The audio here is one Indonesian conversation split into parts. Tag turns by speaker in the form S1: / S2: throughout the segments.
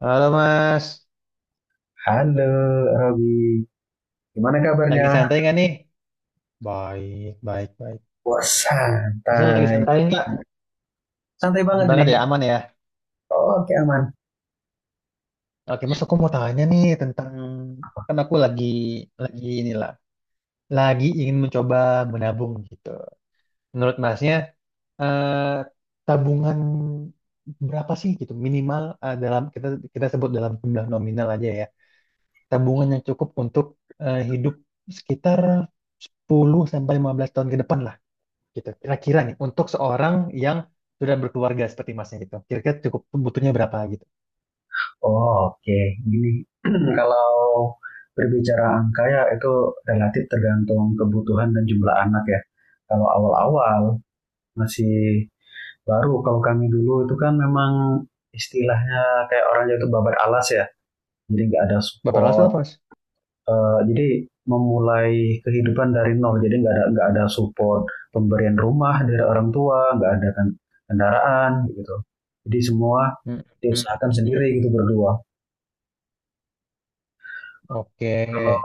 S1: Halo Mas,
S2: Halo Robi, gimana kabarnya?
S1: lagi santai nggak nih? Baik, baik, baik.
S2: Wah
S1: Masnya lagi
S2: santai,
S1: santai nggak?
S2: santai
S1: Bener
S2: banget
S1: banget
S2: nih.
S1: ya, aman ya.
S2: Oke aman.
S1: Oke Mas, aku mau tanya nih tentang, kan aku lagi inilah, lagi ingin mencoba menabung gitu. Menurut Masnya, eh, tabungan berapa sih gitu minimal, dalam kita kita sebut dalam jumlah nominal aja ya. Tabungan yang cukup untuk hidup sekitar 10 sampai 15 tahun ke depan lah. Kira-kira nih, untuk seorang yang sudah berkeluarga seperti masnya gitu, kira-kira cukup butuhnya berapa gitu?
S2: Oke, gini. Kalau berbicara angka ya itu relatif tergantung kebutuhan dan jumlah anak ya. Kalau awal-awal masih baru, kalau kami dulu itu kan memang istilahnya kayak orang itu babat alas ya. Jadi nggak ada
S1: Bapak Rasul
S2: support,
S1: apa, Mas?
S2: jadi memulai kehidupan dari nol jadi nggak ada support pemberian rumah dari orang tua nggak ada kan kendaraan gitu, jadi semua
S1: Mm-mm.
S2: diusahakan sendiri gitu berdua.
S1: Oke.
S2: kalau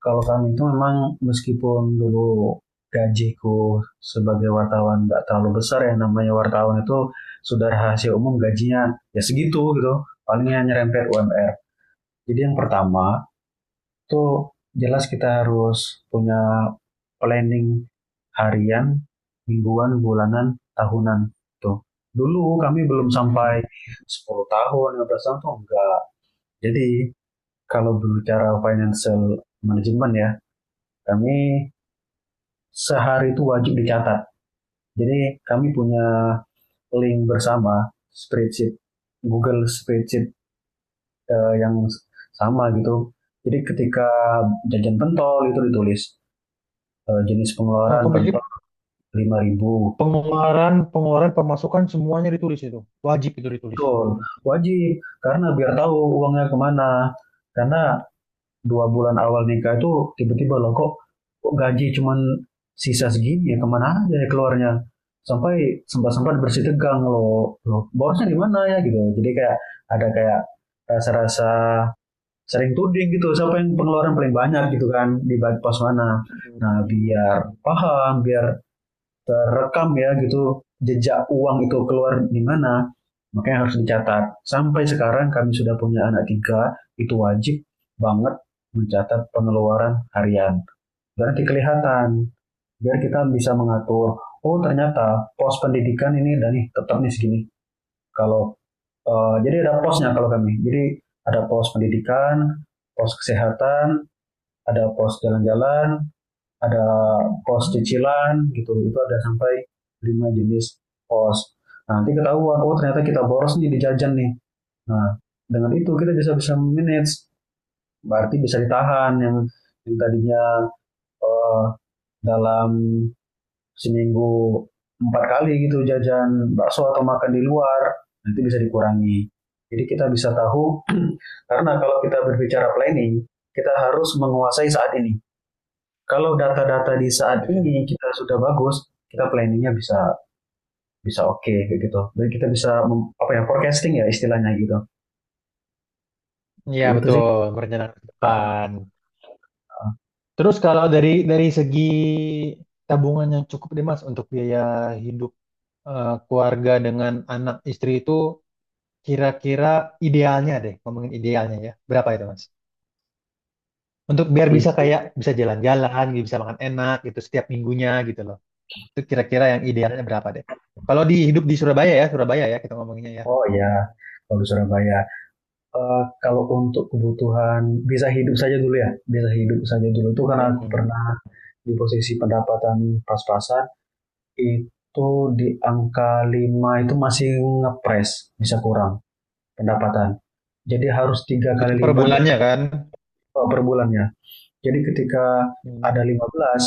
S2: kalau kami itu memang meskipun dulu gajiku sebagai wartawan nggak terlalu besar, yang namanya wartawan itu sudah rahasia umum gajinya ya segitu gitu palingnya nyerempet UMR. Jadi yang pertama itu jelas kita harus punya planning harian, mingguan, bulanan, tahunan. Tuh. Dulu kami belum sampai
S1: Mm-mm.
S2: 10 tahun, 15 tahun tuh enggak. Jadi kalau berbicara financial management ya, kami sehari itu wajib dicatat. Jadi kami punya link bersama spreadsheet, Google spreadsheet yang sama gitu. Jadi ketika jajan pentol itu ditulis, eh, jenis pengeluaran
S1: Oh, jadi
S2: pentok 5 ribu.
S1: pengeluaran, pengeluaran, pemasukan semuanya ditulis itu. Wajib itu ditulis.
S2: Betul, wajib. Karena biar tahu uangnya kemana. Karena 2 bulan awal nikah itu tiba-tiba loh kok gaji cuman sisa segini ya kemana aja ya keluarnya. Sampai sempat-sempat bersih tegang loh. Loh, borosnya di mana ya gitu. Jadi kayak ada kayak rasa-rasa sering tuding gitu. Siapa yang pengeluaran paling banyak gitu kan di pos mana. Nah
S1: Mm.
S2: biar paham, biar terekam ya gitu jejak uang itu keluar di mana, makanya harus dicatat. Sampai sekarang kami sudah punya anak tiga, itu wajib banget mencatat pengeluaran harian biar nanti kelihatan, biar kita bisa mengatur. Oh ternyata pos pendidikan ini dan nih tetap nih segini, kalau jadi ada posnya kalau kami, jadi ada pos pendidikan, pos kesehatan, ada pos jalan-jalan, ada pos cicilan gitu, itu ada sampai lima jenis pos. Nah, nanti ketahuan oh ternyata kita boros nih di jajan nih. Nah dengan itu kita bisa bisa manage, berarti bisa ditahan yang tadinya eh, dalam seminggu empat kali gitu jajan bakso atau makan di luar, nanti bisa dikurangi. Jadi kita bisa tahu. Karena kalau kita berbicara planning, kita harus menguasai saat ini. Kalau data-data di saat
S1: Iya,
S2: ini kita sudah bagus, kita planningnya bisa bisa oke okay, kayak gitu. Dan kita bisa apa ya forecasting ya istilahnya gitu.
S1: Iya,
S2: Gitu sih.
S1: betul, merencanakan ke
S2: Ah,
S1: depan.
S2: ah,
S1: Terus kalau dari segi tabungan yang cukup deh Mas untuk biaya hidup, keluarga dengan anak istri itu, kira-kira idealnya deh, ngomongin idealnya ya. Berapa itu, Mas? Untuk biar bisa
S2: ah.
S1: kayak bisa jalan-jalan, gitu, bisa makan enak gitu setiap minggunya gitu loh. Itu kira-kira yang idealnya berapa deh? Kalau di hidup di Surabaya ya kita ngomonginnya ya.
S2: Oh ya, kalau di Surabaya. Kalau untuk kebutuhan bisa hidup saja dulu ya, bisa hidup saja dulu itu
S1: Iya.
S2: karena aku
S1: Hmm.
S2: pernah di posisi pendapatan pas-pasan, itu di angka 5 itu masih ngepres bisa kurang pendapatan. Jadi harus tiga
S1: Itu
S2: kali
S1: per
S2: lipat dari
S1: bulannya kan.
S2: per bulannya. Jadi ketika ada
S1: Hmm.
S2: 15,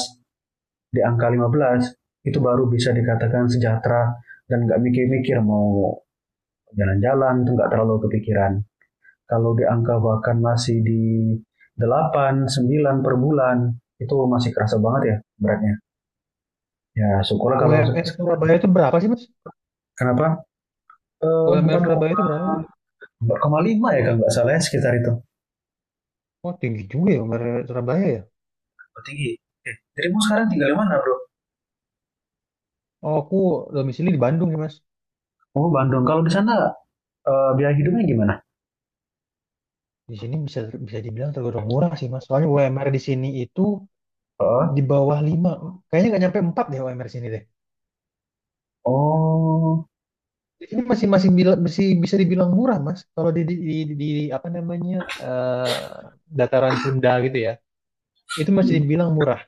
S2: di angka 15 itu baru bisa dikatakan sejahtera dan nggak mikir-mikir mau jalan-jalan, itu nggak terlalu kepikiran. Kalau di angka bahkan masih di 8 9 per bulan, itu masih kerasa banget ya beratnya. Ya syukurlah kalau
S1: UMR Surabaya itu berapa sih, Mas?
S2: kenapa.
S1: UMR
S2: Empat
S1: Surabaya itu berapa sih?
S2: koma lima ya kalau nggak salah, ya sekitar itu.
S1: Oh, tinggi juga ya UMR Surabaya ya.
S2: Oh, tinggi. Eh, dirimu sekarang tinggal di mana bro?
S1: Oh, aku domisili di Bandung ya, Mas.
S2: Oh Bandung. Kalau di sana biaya hidupnya gimana?
S1: Di sini bisa bisa dibilang tergolong murah sih, Mas. Soalnya UMR di sini itu di
S2: Oh,
S1: bawah 5, kayaknya nggak nyampe 4 deh UMR sini deh.
S2: oh.
S1: Ini masih masih bila- masih bisa dibilang murah, Mas. Kalau apa namanya? eh, Dataran Sunda gitu ya. Itu masih
S2: Hmm.
S1: dibilang murah.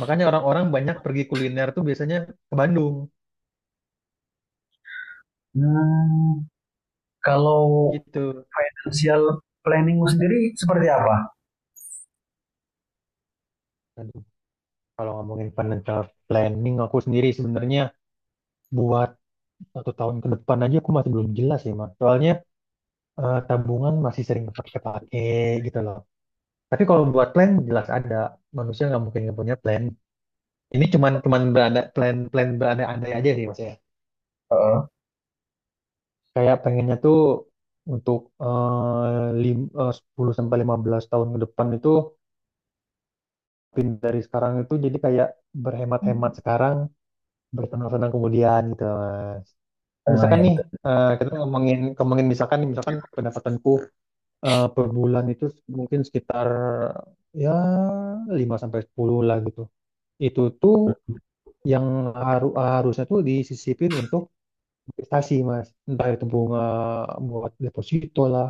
S1: Makanya orang-orang banyak pergi kuliner tuh biasanya ke Bandung
S2: Hmm, Kalau
S1: gitu.
S2: financial planningmu sendiri seperti apa?
S1: Aduh, kalau ngomongin financial planning aku sendiri sebenarnya buat satu tahun ke depan aja aku masih belum jelas ya, Mas. Soalnya tabungan masih sering kepake-kepake gitu loh. Tapi kalau buat plan jelas ada. Manusia nggak mungkin nggak punya plan. Ini cuman cuman plan plan berandai-andai aja sih mas ya.
S2: Heeh.
S1: Kayak pengennya tuh untuk 10 sampai 15 tahun ke depan itu dari sekarang itu jadi kayak berhemat-hemat sekarang, bersenang-senang kemudian gitu mas. Nah,
S2: Ah,
S1: misalkan
S2: ya
S1: nih,
S2: betul.
S1: kita ngomongin ngomongin misalkan nih, misalkan pendapatanku per bulan itu mungkin sekitar ya 5 sampai 10 lah gitu. Itu tuh yang harusnya tuh disisipin untuk investasi mas, entah itu bunga buat deposito lah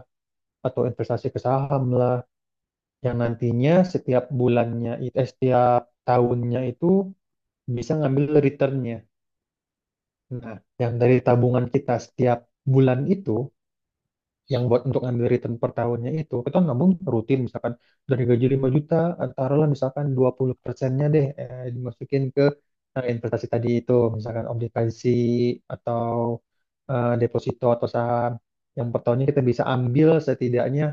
S1: atau investasi ke saham lah, yang nantinya setiap bulannya, setiap tahunnya itu bisa ngambil returnnya. Nah, yang dari tabungan kita setiap bulan itu yang buat untuk ngambil return per tahunnya itu kita nabung rutin, misalkan dari gaji 5 juta, taruhlah misalkan 20%-nya deh, dimasukin ke investasi tadi itu, misalkan obligasi atau deposito atau saham, yang per tahunnya kita bisa ambil setidaknya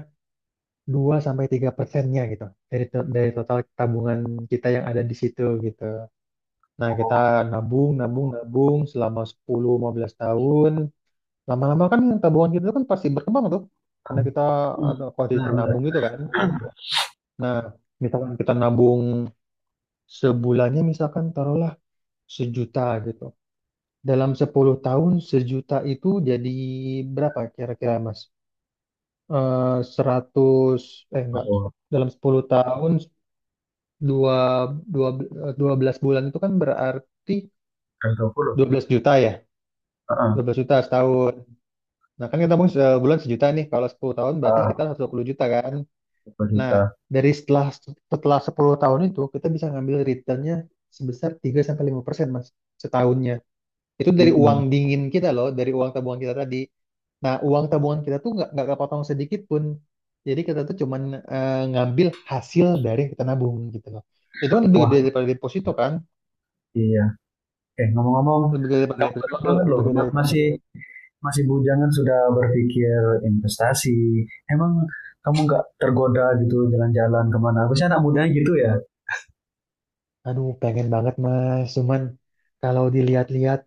S1: 2 sampai 3%-nya gitu, dari total tabungan kita yang ada di situ gitu. Nah, kita
S2: Oh,
S1: nabung, nabung, nabung selama sepuluh lima belas tahun. Lama-lama kan tabungan kita kan pasti berkembang tuh. Karena kita
S2: mhm,
S1: ada
S2: bener.
S1: konsisten
S2: Heeh, bener.
S1: nabung gitu
S2: Iya.
S1: kan. Nah, misalkan kita nabung sebulannya, misalkan taruhlah 1 juta gitu. Dalam 10 tahun 1 juta itu jadi berapa kira-kira Mas? Eh, 100, eh, enggak.
S2: Betul.
S1: Dalam 10 tahun, dua dua dua belas bulan itu kan berarti
S2: Jam.
S1: 12 juta ya.
S2: Heeh, heeh,
S1: 12 juta setahun. Nah, kan kita nabung sebulan 1 juta nih. Kalau 10 tahun berarti
S2: Heeh.
S1: sekitar 120 juta kan. Nah,
S2: Rp20.000.000.
S1: dari setelah setelah 10 tahun itu kita bisa ngambil returnnya sebesar 3 sampai 5% Mas setahunnya. Itu dari uang
S2: Mhm.
S1: dingin kita loh, dari uang tabungan kita tadi. Nah, uang tabungan kita tuh nggak kepotong sedikit pun. Jadi kita tuh cuman ngambil hasil dari kita nabung gitu loh. Itu kan lebih
S2: Wah,
S1: gede daripada deposito kan?
S2: iya. Eh, ngomong-ngomong,
S1: Lebih gede daripada
S2: kamu keren
S1: deposito,
S2: banget loh,
S1: lebih gede
S2: ma
S1: dari itu.
S2: masih masih bujangan sudah berpikir investasi. Emang kamu nggak tergoda gitu jalan-jalan kemana? Biasanya anak mudanya gitu ya?
S1: Aduh, pengen banget Mas. Cuman kalau dilihat-lihat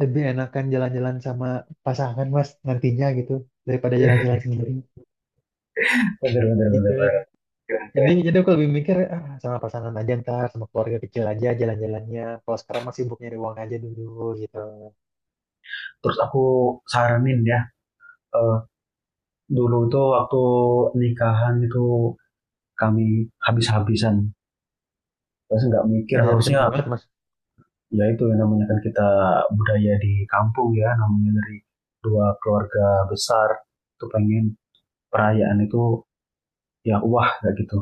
S1: lebih enakan jalan-jalan sama pasangan Mas nantinya gitu daripada jalan-jalan sendiri.
S2: Bener bener
S1: gitu
S2: bener
S1: ya.
S2: banget. Keren
S1: Jadi,
S2: keren.
S1: jadi aku lebih mikir ah, sama pasangan aja ntar, sama keluarga kecil aja jalan-jalannya. Kalau sekarang masih sibuk nyari uang aja dulu gitu.
S2: Terus aku saranin ya, eee dulu tuh waktu nikahan itu kami habis-habisan, terus nggak mikir
S1: Habis-habisan
S2: harusnya
S1: banget mas.
S2: ya itu, yang namanya kan kita budaya di kampung ya, namanya dari dua keluarga besar tuh pengen perayaan itu ya wah kayak gitu.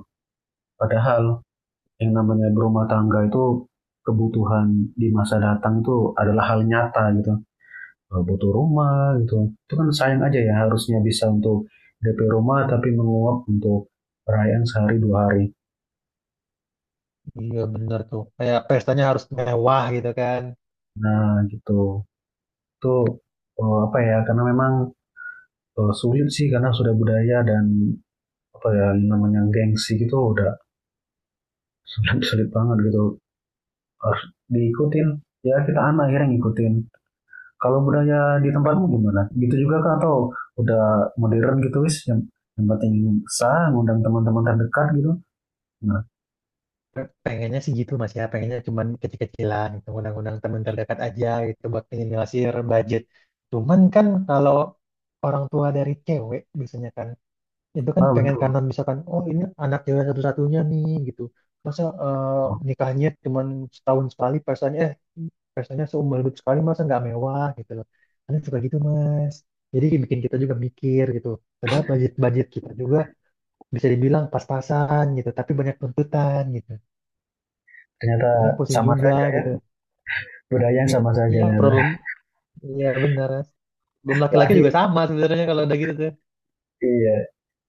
S2: Padahal yang namanya berumah tangga itu kebutuhan di masa datang itu adalah hal nyata gitu, butuh rumah gitu. Itu kan sayang aja ya, harusnya bisa untuk DP rumah tapi menguap untuk perayaan sehari dua hari.
S1: Iya bener tuh. Kayak pestanya harus mewah gitu kan.
S2: Nah, gitu. Itu, apa ya, karena memang, sulit sih karena sudah budaya dan, apa ya, namanya gengsi gitu, udah sulit sulit banget gitu, harus diikutin, ya kita anak akhirnya ngikutin. Kalau budaya di tempatmu gimana? Gitu juga kah atau udah modern gitu, wis yang penting sah, ngundang teman-teman terdekat gitu? Nah.
S1: Pengennya sih gitu mas ya. Pengennya cuman kecil-kecilan gitu. Undang-undang teman terdekat aja gitu buat minimalisir budget. Cuman kan kalau orang tua dari cewek biasanya kan itu kan
S2: Oh
S1: pengen
S2: betul,
S1: kanan, misalkan oh, ini anak cewek satu-satunya nih gitu, masa nikahnya cuman setahun sekali, pestanya seumur hidup sekali, masa nggak mewah gitu loh, ada suka gitu mas, jadi bikin kita juga mikir gitu. Padahal budget budget kita juga bisa dibilang pas-pasan gitu, tapi banyak tuntutan gitu,
S2: ternyata
S1: kadang pusing
S2: sama
S1: juga
S2: saja ya,
S1: gitu,
S2: budaya yang sama saja
S1: ya
S2: ternyata.
S1: problem, ya benar mas, belum laki-laki juga
S2: Berarti
S1: sama sebenarnya kalau udah gitu tuh.
S2: iya,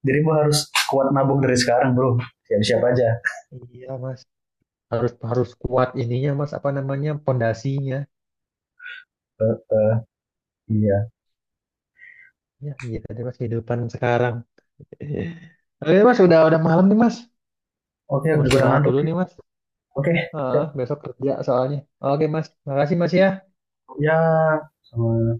S2: dirimu harus kuat nabung dari sekarang Bro, siap-siap aja.
S1: Iya mas, harus harus kuat ininya mas, apa namanya, pondasinya.
S2: Iya.
S1: Ya, gitu deh mas kehidupan sekarang. Oke mas, udah malam nih mas.
S2: Oke, aku
S1: Mau
S2: juga udah
S1: istirahat
S2: ngantuk.
S1: dulu nih mas.
S2: Oke,
S1: Heeh,
S2: siap.
S1: besok kerja soalnya. Oke mas, makasih mas ya.
S2: Ya, sama